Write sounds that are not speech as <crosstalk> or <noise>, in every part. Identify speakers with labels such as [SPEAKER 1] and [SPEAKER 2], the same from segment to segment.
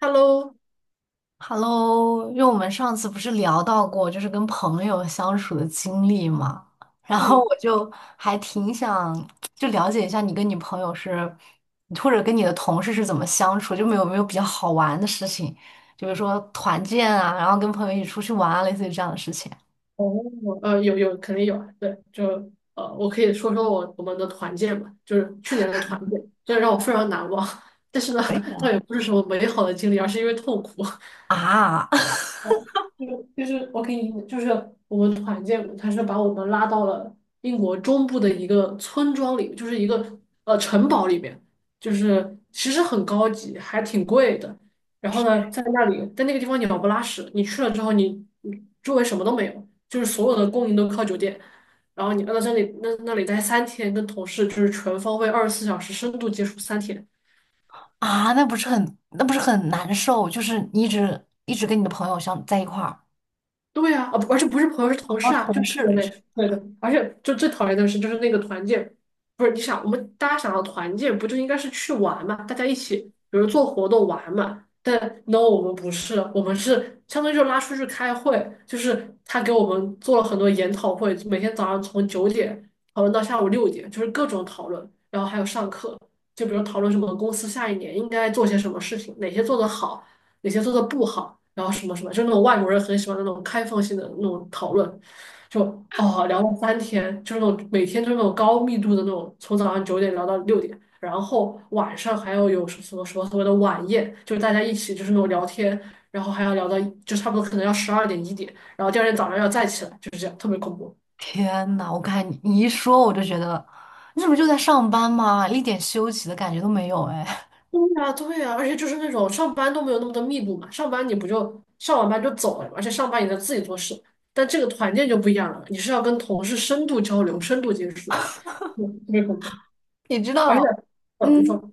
[SPEAKER 1] Hello，
[SPEAKER 2] Hello,因为我们上次不是聊到过，就是跟朋友相处的经历嘛，然后
[SPEAKER 1] 嗯，
[SPEAKER 2] 我就还挺想就了解一下你跟你朋友是，或者跟你的同事是怎么相处，就没有比较好玩的事情，就比如说团建啊，然后跟朋友一起出去玩啊，类似于这样的事情
[SPEAKER 1] 哦，有肯定有啊，对，就我可以说说我们的团建嘛，就是去年的团建，这让我非常难忘，<laughs> 但是呢，
[SPEAKER 2] 可以
[SPEAKER 1] 倒也不是什么美好的经历，而是因为痛苦。<laughs>
[SPEAKER 2] 啊。啊 <laughs>
[SPEAKER 1] 哦，就是我给你，就是我们团建，他是把我们拉到了英国中部的一个村庄里，就是一个城堡里面，就是其实很高级，还挺贵的。然后呢，在那里，在那个地方鸟不拉屎，你去了之后你，你周围什么都没有，就是所有的供应都靠酒店。然后你要在这里那里待三天，跟同事就是全方位24小时深度接触三天。
[SPEAKER 2] 啊，那不是很难受，就是你一直跟你的朋友相在一块儿，
[SPEAKER 1] 对呀，啊，不而且不是朋友，是同事
[SPEAKER 2] 哦，
[SPEAKER 1] 啊，
[SPEAKER 2] 同
[SPEAKER 1] 就特别
[SPEAKER 2] 事。
[SPEAKER 1] 累。对的，而且就最讨厌的是，就是那个团建，不是你想，我们大家想要团建，不就应该是去玩嘛？大家一起，比如做活动玩嘛。但 no，我们不是，我们是相当于就拉出去开会，就是他给我们做了很多研讨会，每天早上从九点讨论到下午六点，就是各种讨论，然后还有上课，就比如讨论什么公司下一年应该做些什么事情，哪些做得好。哪些做的不好，然后什么什么，就那种外国人很喜欢那种开放性的那种讨论，就哦聊了三天，就是那种每天就是那种高密度的那种，从早上九点聊到六点，然后晚上还要有什么什么所谓的晚宴，就是大家一起就是那种聊天，然后还要聊到就差不多可能要12点1点，然后第二天早上要再起来，就是这样，特别恐怖。
[SPEAKER 2] 天呐，我看你一说，我就觉得你怎么就在上班嘛，一点休息的感觉都没有哎。
[SPEAKER 1] 对呀，对呀，而且就是那种上班都没有那么多密度嘛，上班你不就上完班就走了嘛，而且上班你在自己做事，但这个团建就不一样了，你是要跟同事深度交流、深度接触，特别恐怖。
[SPEAKER 2] <laughs> 你知
[SPEAKER 1] 而且，
[SPEAKER 2] 道，
[SPEAKER 1] 你说，
[SPEAKER 2] 嗯，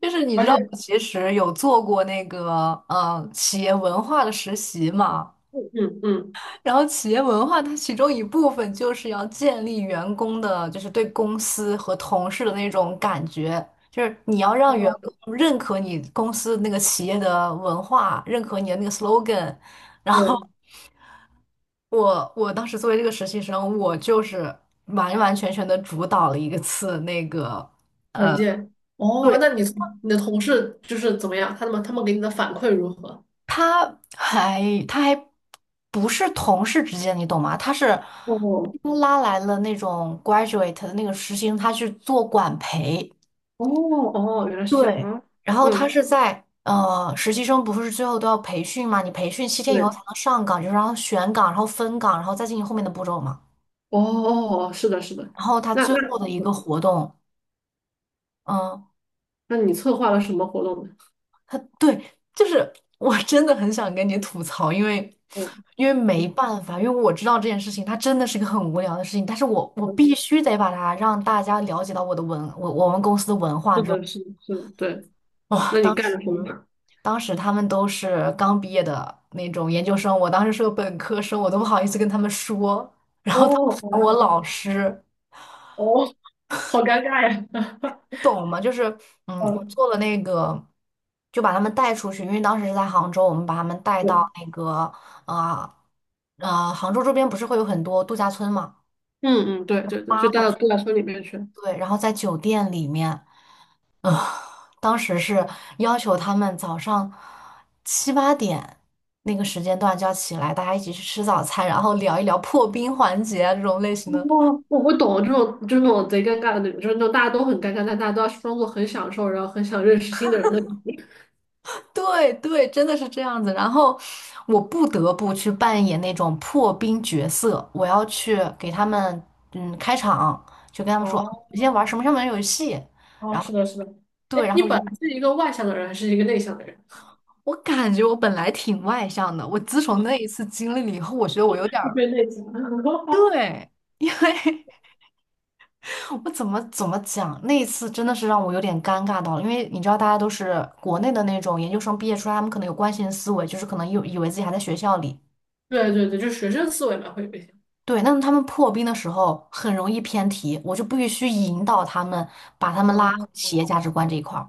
[SPEAKER 2] 就是你知
[SPEAKER 1] 而
[SPEAKER 2] 道，
[SPEAKER 1] 且，
[SPEAKER 2] 我其实有做过那个企业文化的实习嘛。
[SPEAKER 1] 嗯嗯嗯
[SPEAKER 2] 然后企业文化它其中一部分就是要建立员工的，就是对公司和同事的那种感觉，就是你要让员
[SPEAKER 1] 哦，
[SPEAKER 2] 工认可你公司那个企业的文化，认可你的那个 slogan,然后。
[SPEAKER 1] 对，
[SPEAKER 2] 我当时作为这个实习生，我就是完完全全的主导了一个次那个，
[SPEAKER 1] 团
[SPEAKER 2] 呃，
[SPEAKER 1] 建，哦，
[SPEAKER 2] 对，
[SPEAKER 1] 那你你的同事就是怎么样？他们给你的反馈如何？
[SPEAKER 2] 他还他还不是同事之间，你懂吗？他是
[SPEAKER 1] 哦
[SPEAKER 2] 拉来了那种 graduate 的那个实习生，他去做管培，
[SPEAKER 1] 哦哦，原来是这样
[SPEAKER 2] 对，
[SPEAKER 1] 啊。
[SPEAKER 2] 然后他
[SPEAKER 1] 嗯，
[SPEAKER 2] 是在实习生不是最后都要培训嘛？你培训七天以后
[SPEAKER 1] 对，
[SPEAKER 2] 才能上岗，就是然后选岗，然后分岗，然后再进行后面的步骤嘛。
[SPEAKER 1] 哦哦，哦是的，是的，
[SPEAKER 2] 然后他
[SPEAKER 1] 那那
[SPEAKER 2] 最后的一个活动。嗯，
[SPEAKER 1] 那你策划了什么活动呢？
[SPEAKER 2] 对，就是我真的很想跟你吐槽，因为
[SPEAKER 1] 哦。
[SPEAKER 2] 因为没
[SPEAKER 1] <laughs>
[SPEAKER 2] 办法，因为我知道这件事情，它真的是一个很无聊的事情，但是我必须得把它让大家了解到我的文，我们公司的文化
[SPEAKER 1] 是
[SPEAKER 2] 这种。
[SPEAKER 1] 的，是的，是的，对。
[SPEAKER 2] 哇，
[SPEAKER 1] 那你
[SPEAKER 2] 当
[SPEAKER 1] 干
[SPEAKER 2] 时
[SPEAKER 1] 了什么？
[SPEAKER 2] 当时他们都是刚毕业的那种研究生，我当时是个本科生，我都不好意思跟他们说
[SPEAKER 1] <laughs> 哦，好
[SPEAKER 2] 我
[SPEAKER 1] 呀，
[SPEAKER 2] 老师。
[SPEAKER 1] 哦，好尴尬呀。<laughs>
[SPEAKER 2] 你懂吗？就是，嗯，我
[SPEAKER 1] 嗯，
[SPEAKER 2] 做了那个，就把他们带出去，因为当时是在杭州，我们把他们带
[SPEAKER 1] 对。
[SPEAKER 2] 到那个，啊、啊，杭州周边不是会有很多度假村嘛，
[SPEAKER 1] 嗯嗯，对
[SPEAKER 2] 就把
[SPEAKER 1] 对对，
[SPEAKER 2] 他们
[SPEAKER 1] 就
[SPEAKER 2] 拉
[SPEAKER 1] 带
[SPEAKER 2] 过
[SPEAKER 1] 到
[SPEAKER 2] 去，
[SPEAKER 1] 度假村里面去。哦，
[SPEAKER 2] 对，然后在酒店里面，呃，当时是要求他们早上七八点那个时间段就要起来，大家一起去吃早餐，然后聊一聊破冰环节啊这种类型的。
[SPEAKER 1] 我懂了，这种就是那种贼尴尬的那种，就是那种大家都很尴尬，但大家都要装作很享受，然后很想认识新的人的感觉。
[SPEAKER 2] 对对，真的是这样子。然后我不得不去扮演那种破冰角色，我要去给他们嗯开场，就跟他
[SPEAKER 1] <laughs>
[SPEAKER 2] 们说，我
[SPEAKER 1] 哦，
[SPEAKER 2] 今天玩什么什么游戏。
[SPEAKER 1] 哦，是的，是的。
[SPEAKER 2] 对，
[SPEAKER 1] 哎，
[SPEAKER 2] 然
[SPEAKER 1] 你
[SPEAKER 2] 后我就
[SPEAKER 1] 本来是一个外向的人，还是一个内向的人？
[SPEAKER 2] 我感觉我本来挺外向的，我自从那一次经历了以后，我觉得我有点
[SPEAKER 1] <laughs> 特
[SPEAKER 2] 儿
[SPEAKER 1] 别内向。<laughs>
[SPEAKER 2] 对，因为 <laughs> 我怎么讲，那一次真的是让我有点尴尬到了，因为你知道大家都是国内的那种研究生毕业出来，他们可能有惯性思维，就是可能有以为自己还在学校里。
[SPEAKER 1] 对对对，就学生思维嘛，会有一些。
[SPEAKER 2] 对，那他们破冰的时候很容易偏题，我就必须引导他们，把他们拉回
[SPEAKER 1] 哦，
[SPEAKER 2] 企业价值观这一块儿。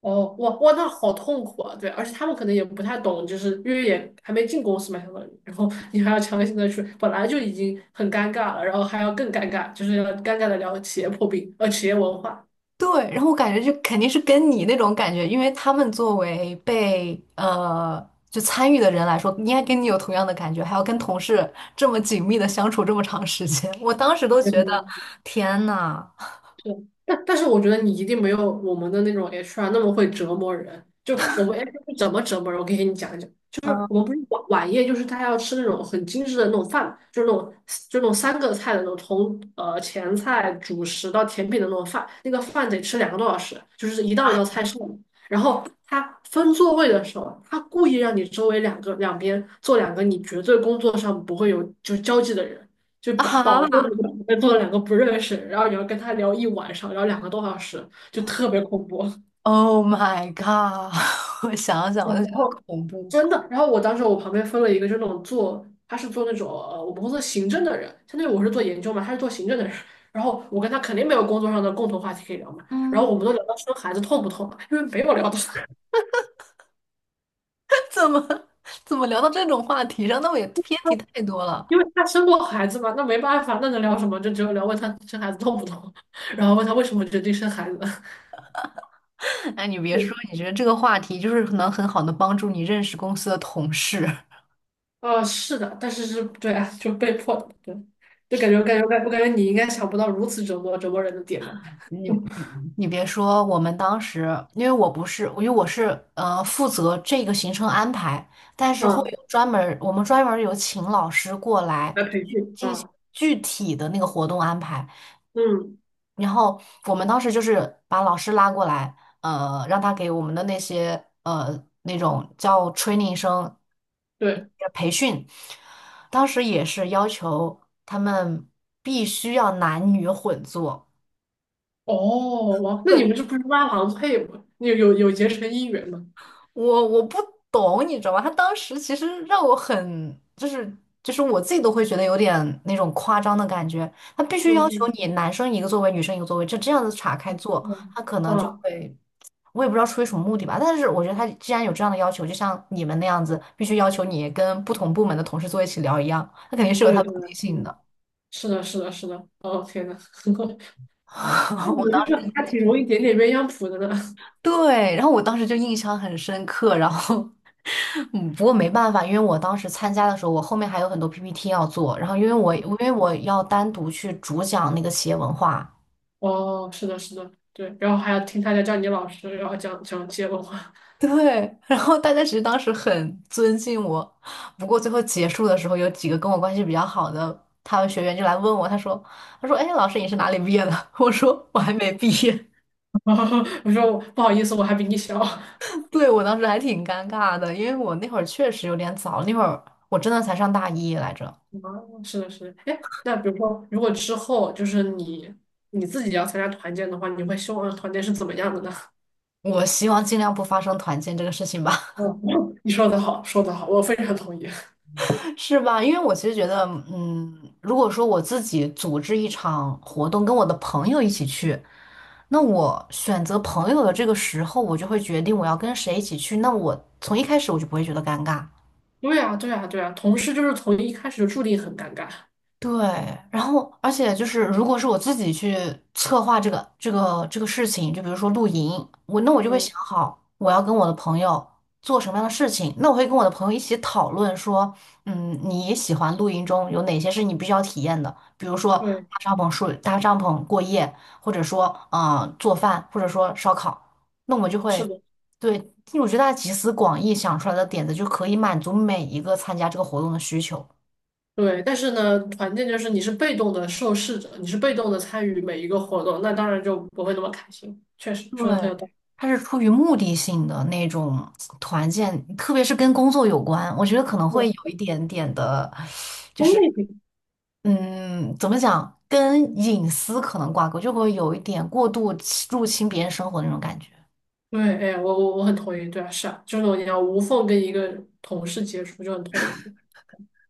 [SPEAKER 1] 哦，哇哇，那好痛苦啊！对，而且他们可能也不太懂，就是因为也还没进公司嘛，相当于，然后你还要强行的去，本来就已经很尴尬了，然后还要更尴尬，就是要尴尬的聊企业破冰，企业文化。
[SPEAKER 2] 对，然后我感觉就肯定是跟你那种感觉，因为他们作为被就参与的人来说，应该跟你有同样的感觉，还要跟同事这么紧密的相处这么长时间，我当时都
[SPEAKER 1] 嗯，
[SPEAKER 2] 觉得天呐，
[SPEAKER 1] 对，但是我觉得你一定没有我们的那种 HR 那么会折磨人。就我们 HR 是怎么折磨人，我可以给你讲一讲。就是
[SPEAKER 2] 嗯
[SPEAKER 1] 我们不是晚宴，就是他要吃那种很精致的那种饭，就是那种3个菜的那种，从前菜、主食到甜品的那种饭，那个饭得吃两个多小时，就是一道一道菜上。然后他分座位的时候，他故意让你周围两边坐两个你绝对工作上不会有就交际的人，就保保
[SPEAKER 2] 啊
[SPEAKER 1] 证你个做了两个不认识，然后你要跟他聊一晚上，聊两个多小时，就特别恐怖。
[SPEAKER 2] ，Oh my God!<laughs> 我想
[SPEAKER 1] <laughs>
[SPEAKER 2] 想我就
[SPEAKER 1] 然
[SPEAKER 2] 觉得
[SPEAKER 1] 后
[SPEAKER 2] 恐怖。
[SPEAKER 1] 真的，然后我当时我旁边分了一个就那种做，他是做那种我们公司行政的人，相当于我是做研究嘛，他是做行政的人。然后我跟他肯定没有工作上的共同话题可以聊嘛，然后
[SPEAKER 2] 嗯。
[SPEAKER 1] 我们都聊到生孩子痛不痛，因为没有聊到。<laughs>
[SPEAKER 2] <laughs> 怎么怎么聊到这种话题上？那我也偏题太多了。
[SPEAKER 1] 因为他生过孩子嘛，那没办法，那能聊什么？就只有聊问他生孩子痛不痛，然后问他为什么决定生孩子。<laughs>
[SPEAKER 2] 哎，你别说，你觉得这个话题就是能很好的帮助你认识公司的同事。
[SPEAKER 1] 哦，是的，但是是，对啊，就被迫的，对，就感觉，感觉，感我感觉你应该想不到如此折磨人的点吧？
[SPEAKER 2] <laughs> 你
[SPEAKER 1] <laughs>
[SPEAKER 2] 你你别说，我们当时因为我不是，因为我是负责这个行程安排，但是会
[SPEAKER 1] 嗯，
[SPEAKER 2] 有专门儿，我们专门儿有请老师过来
[SPEAKER 1] 来培
[SPEAKER 2] 去
[SPEAKER 1] 训
[SPEAKER 2] 进行
[SPEAKER 1] 啊。
[SPEAKER 2] 具体的那个活动安排。
[SPEAKER 1] 嗯，
[SPEAKER 2] 然后我们当时就是把老师拉过来，让他给我们的那些那种叫 training 生
[SPEAKER 1] 对，
[SPEAKER 2] 培训，当时也是要求他们必须要男女混坐。
[SPEAKER 1] 哦，哇，那你们这不是拉郎配吗？你有结成姻缘吗？
[SPEAKER 2] 我不懂，你知道吗？他当时其实让我很，就是就是我自己都会觉得有点那种夸张的感觉。他必须要求
[SPEAKER 1] 嗯
[SPEAKER 2] 你男生一个座位，女生一个座位，就这样子岔开坐，
[SPEAKER 1] 嗯，
[SPEAKER 2] 他可
[SPEAKER 1] 嗯
[SPEAKER 2] 能就
[SPEAKER 1] 啊，
[SPEAKER 2] 会，我也不知道出于什么目的吧。但是我觉得他既然有这样的要求，就像你们那样子，必须要求你跟不同部门的同事坐一起聊一样，他肯定是
[SPEAKER 1] 对
[SPEAKER 2] 有他
[SPEAKER 1] 对
[SPEAKER 2] 的
[SPEAKER 1] 对，
[SPEAKER 2] 目的性
[SPEAKER 1] 嗯，
[SPEAKER 2] 的。
[SPEAKER 1] 是的，是的，是的，哦，天呐。<laughs> 那
[SPEAKER 2] <laughs>
[SPEAKER 1] 你
[SPEAKER 2] 我
[SPEAKER 1] 们这
[SPEAKER 2] 当
[SPEAKER 1] 个
[SPEAKER 2] 时
[SPEAKER 1] 还挺容易点点鸳鸯谱的呢。<laughs>
[SPEAKER 2] 对，然后我当时就印象很深刻，然后 <laughs> 嗯，不过没办法，因为我当时参加的时候，我后面还有很多 PPT 要做，然后因为我要单独去主讲那个企业文化，
[SPEAKER 1] 哦，是的，是的，对，然后还要听他家叫你老师，然后讲讲接龙。
[SPEAKER 2] <laughs> 对，然后大家其实当时很尊敬我，不过最后结束的时候，有几个跟我关系比较好的他们学员就来问我，他说他说哎，老师你是哪里毕业的？<laughs> 我说我还没毕业，
[SPEAKER 1] <laughs> 我说不好意思，我还比你小。
[SPEAKER 2] 对，我当时还挺尴尬的，因为我那会儿确实有点早，那会儿我真的才上大一来着，
[SPEAKER 1] 哦，是的，是的。哎，那比如说，如果之后就是你自己要参加团建的话，你会希望团建是怎么样的呢？
[SPEAKER 2] 我希望尽量不发生团建这个事情吧。
[SPEAKER 1] 嗯，<laughs> 你说的好，说的好，我非常同意。
[SPEAKER 2] 是吧？因为我其实觉得，嗯，如果说我自己组织一场活动，跟我的朋友一起去，那我选择朋友的这个时候，我就会决定我要跟谁一起去。那我从一开始我就不会觉得尴尬。
[SPEAKER 1] <laughs> 对啊，对啊，对啊，同事就是从一开始就注定很尴尬。
[SPEAKER 2] 对，然后而且就是，如果是我自己去策划这个事情，就比如说露营，我那我就会
[SPEAKER 1] 嗯，
[SPEAKER 2] 想好我要跟我的朋友做什么样的事情，那我会跟我的朋友一起讨论说，嗯，你喜欢露营中有哪些是你必须要体验的，比如说
[SPEAKER 1] 对，
[SPEAKER 2] 搭帐篷睡、搭帐篷过夜，或者说嗯、做饭，或者说烧烤，那我们就
[SPEAKER 1] 是
[SPEAKER 2] 会
[SPEAKER 1] 的，
[SPEAKER 2] 对，因为我觉得大家集思广益想出来的点子就可以满足每一个参加这个活动的需求。
[SPEAKER 1] 对。但是呢，团建就是你是被动的受试者，你是被动的参与每一个活动，那当然就不会那么开心。确实，
[SPEAKER 2] 对，
[SPEAKER 1] 说的很有道理。
[SPEAKER 2] 它是出于目的性的那种团建，特别是跟工作有关，我觉得可能会有
[SPEAKER 1] 对，
[SPEAKER 2] 一点点的，就
[SPEAKER 1] 功
[SPEAKER 2] 是
[SPEAKER 1] 利，
[SPEAKER 2] 嗯，怎么讲，跟隐私可能挂钩，就会有一点过度侵入侵别人生活的那种感觉。
[SPEAKER 1] 对，哎，我很同意，对啊，是啊，就这种你要无缝跟一个同事接触就很痛苦。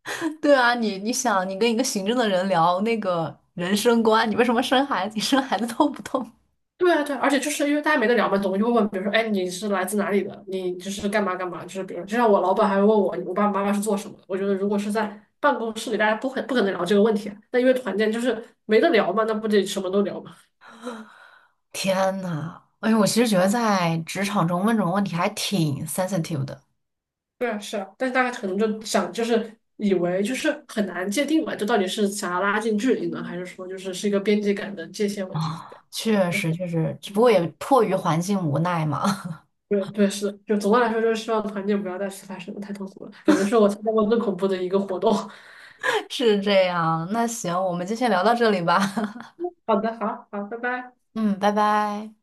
[SPEAKER 2] <laughs> 对啊，你你想，你跟一个行政的人聊那个人生观，你为什么生孩子？你生孩子痛不痛？
[SPEAKER 1] 对啊，对啊，而且就是因为大家没得聊嘛，总会就会问，比如说，哎，你是来自哪里的？你就是干嘛干嘛？就是比如，就像我老板还会问我，我爸爸妈妈是做什么的？我觉得如果是在办公室里，大家不可能聊这个问题啊。那因为团建就是没得聊嘛，那不得什么都聊嘛。
[SPEAKER 2] <laughs> 天呐，哎呦，我其实觉得在职场中问这种问题还挺 sensitive 的，
[SPEAKER 1] 对啊，是啊，但是大家可能就想，就是以为就是很难界定嘛，就到底是想要拉近距离呢，还是说就是一个边界感的界限问题？
[SPEAKER 2] 确实确实，只不过也迫于环境无奈嘛。<laughs>
[SPEAKER 1] 对对是，就总的来说就是希望团建不要再次发生了，太痛苦了，感觉是我参加过最恐怖的一个活动。
[SPEAKER 2] 是这样。那行，我们就先聊到这里吧。<laughs>
[SPEAKER 1] <laughs> 好的，好好，拜拜。
[SPEAKER 2] 嗯，拜拜。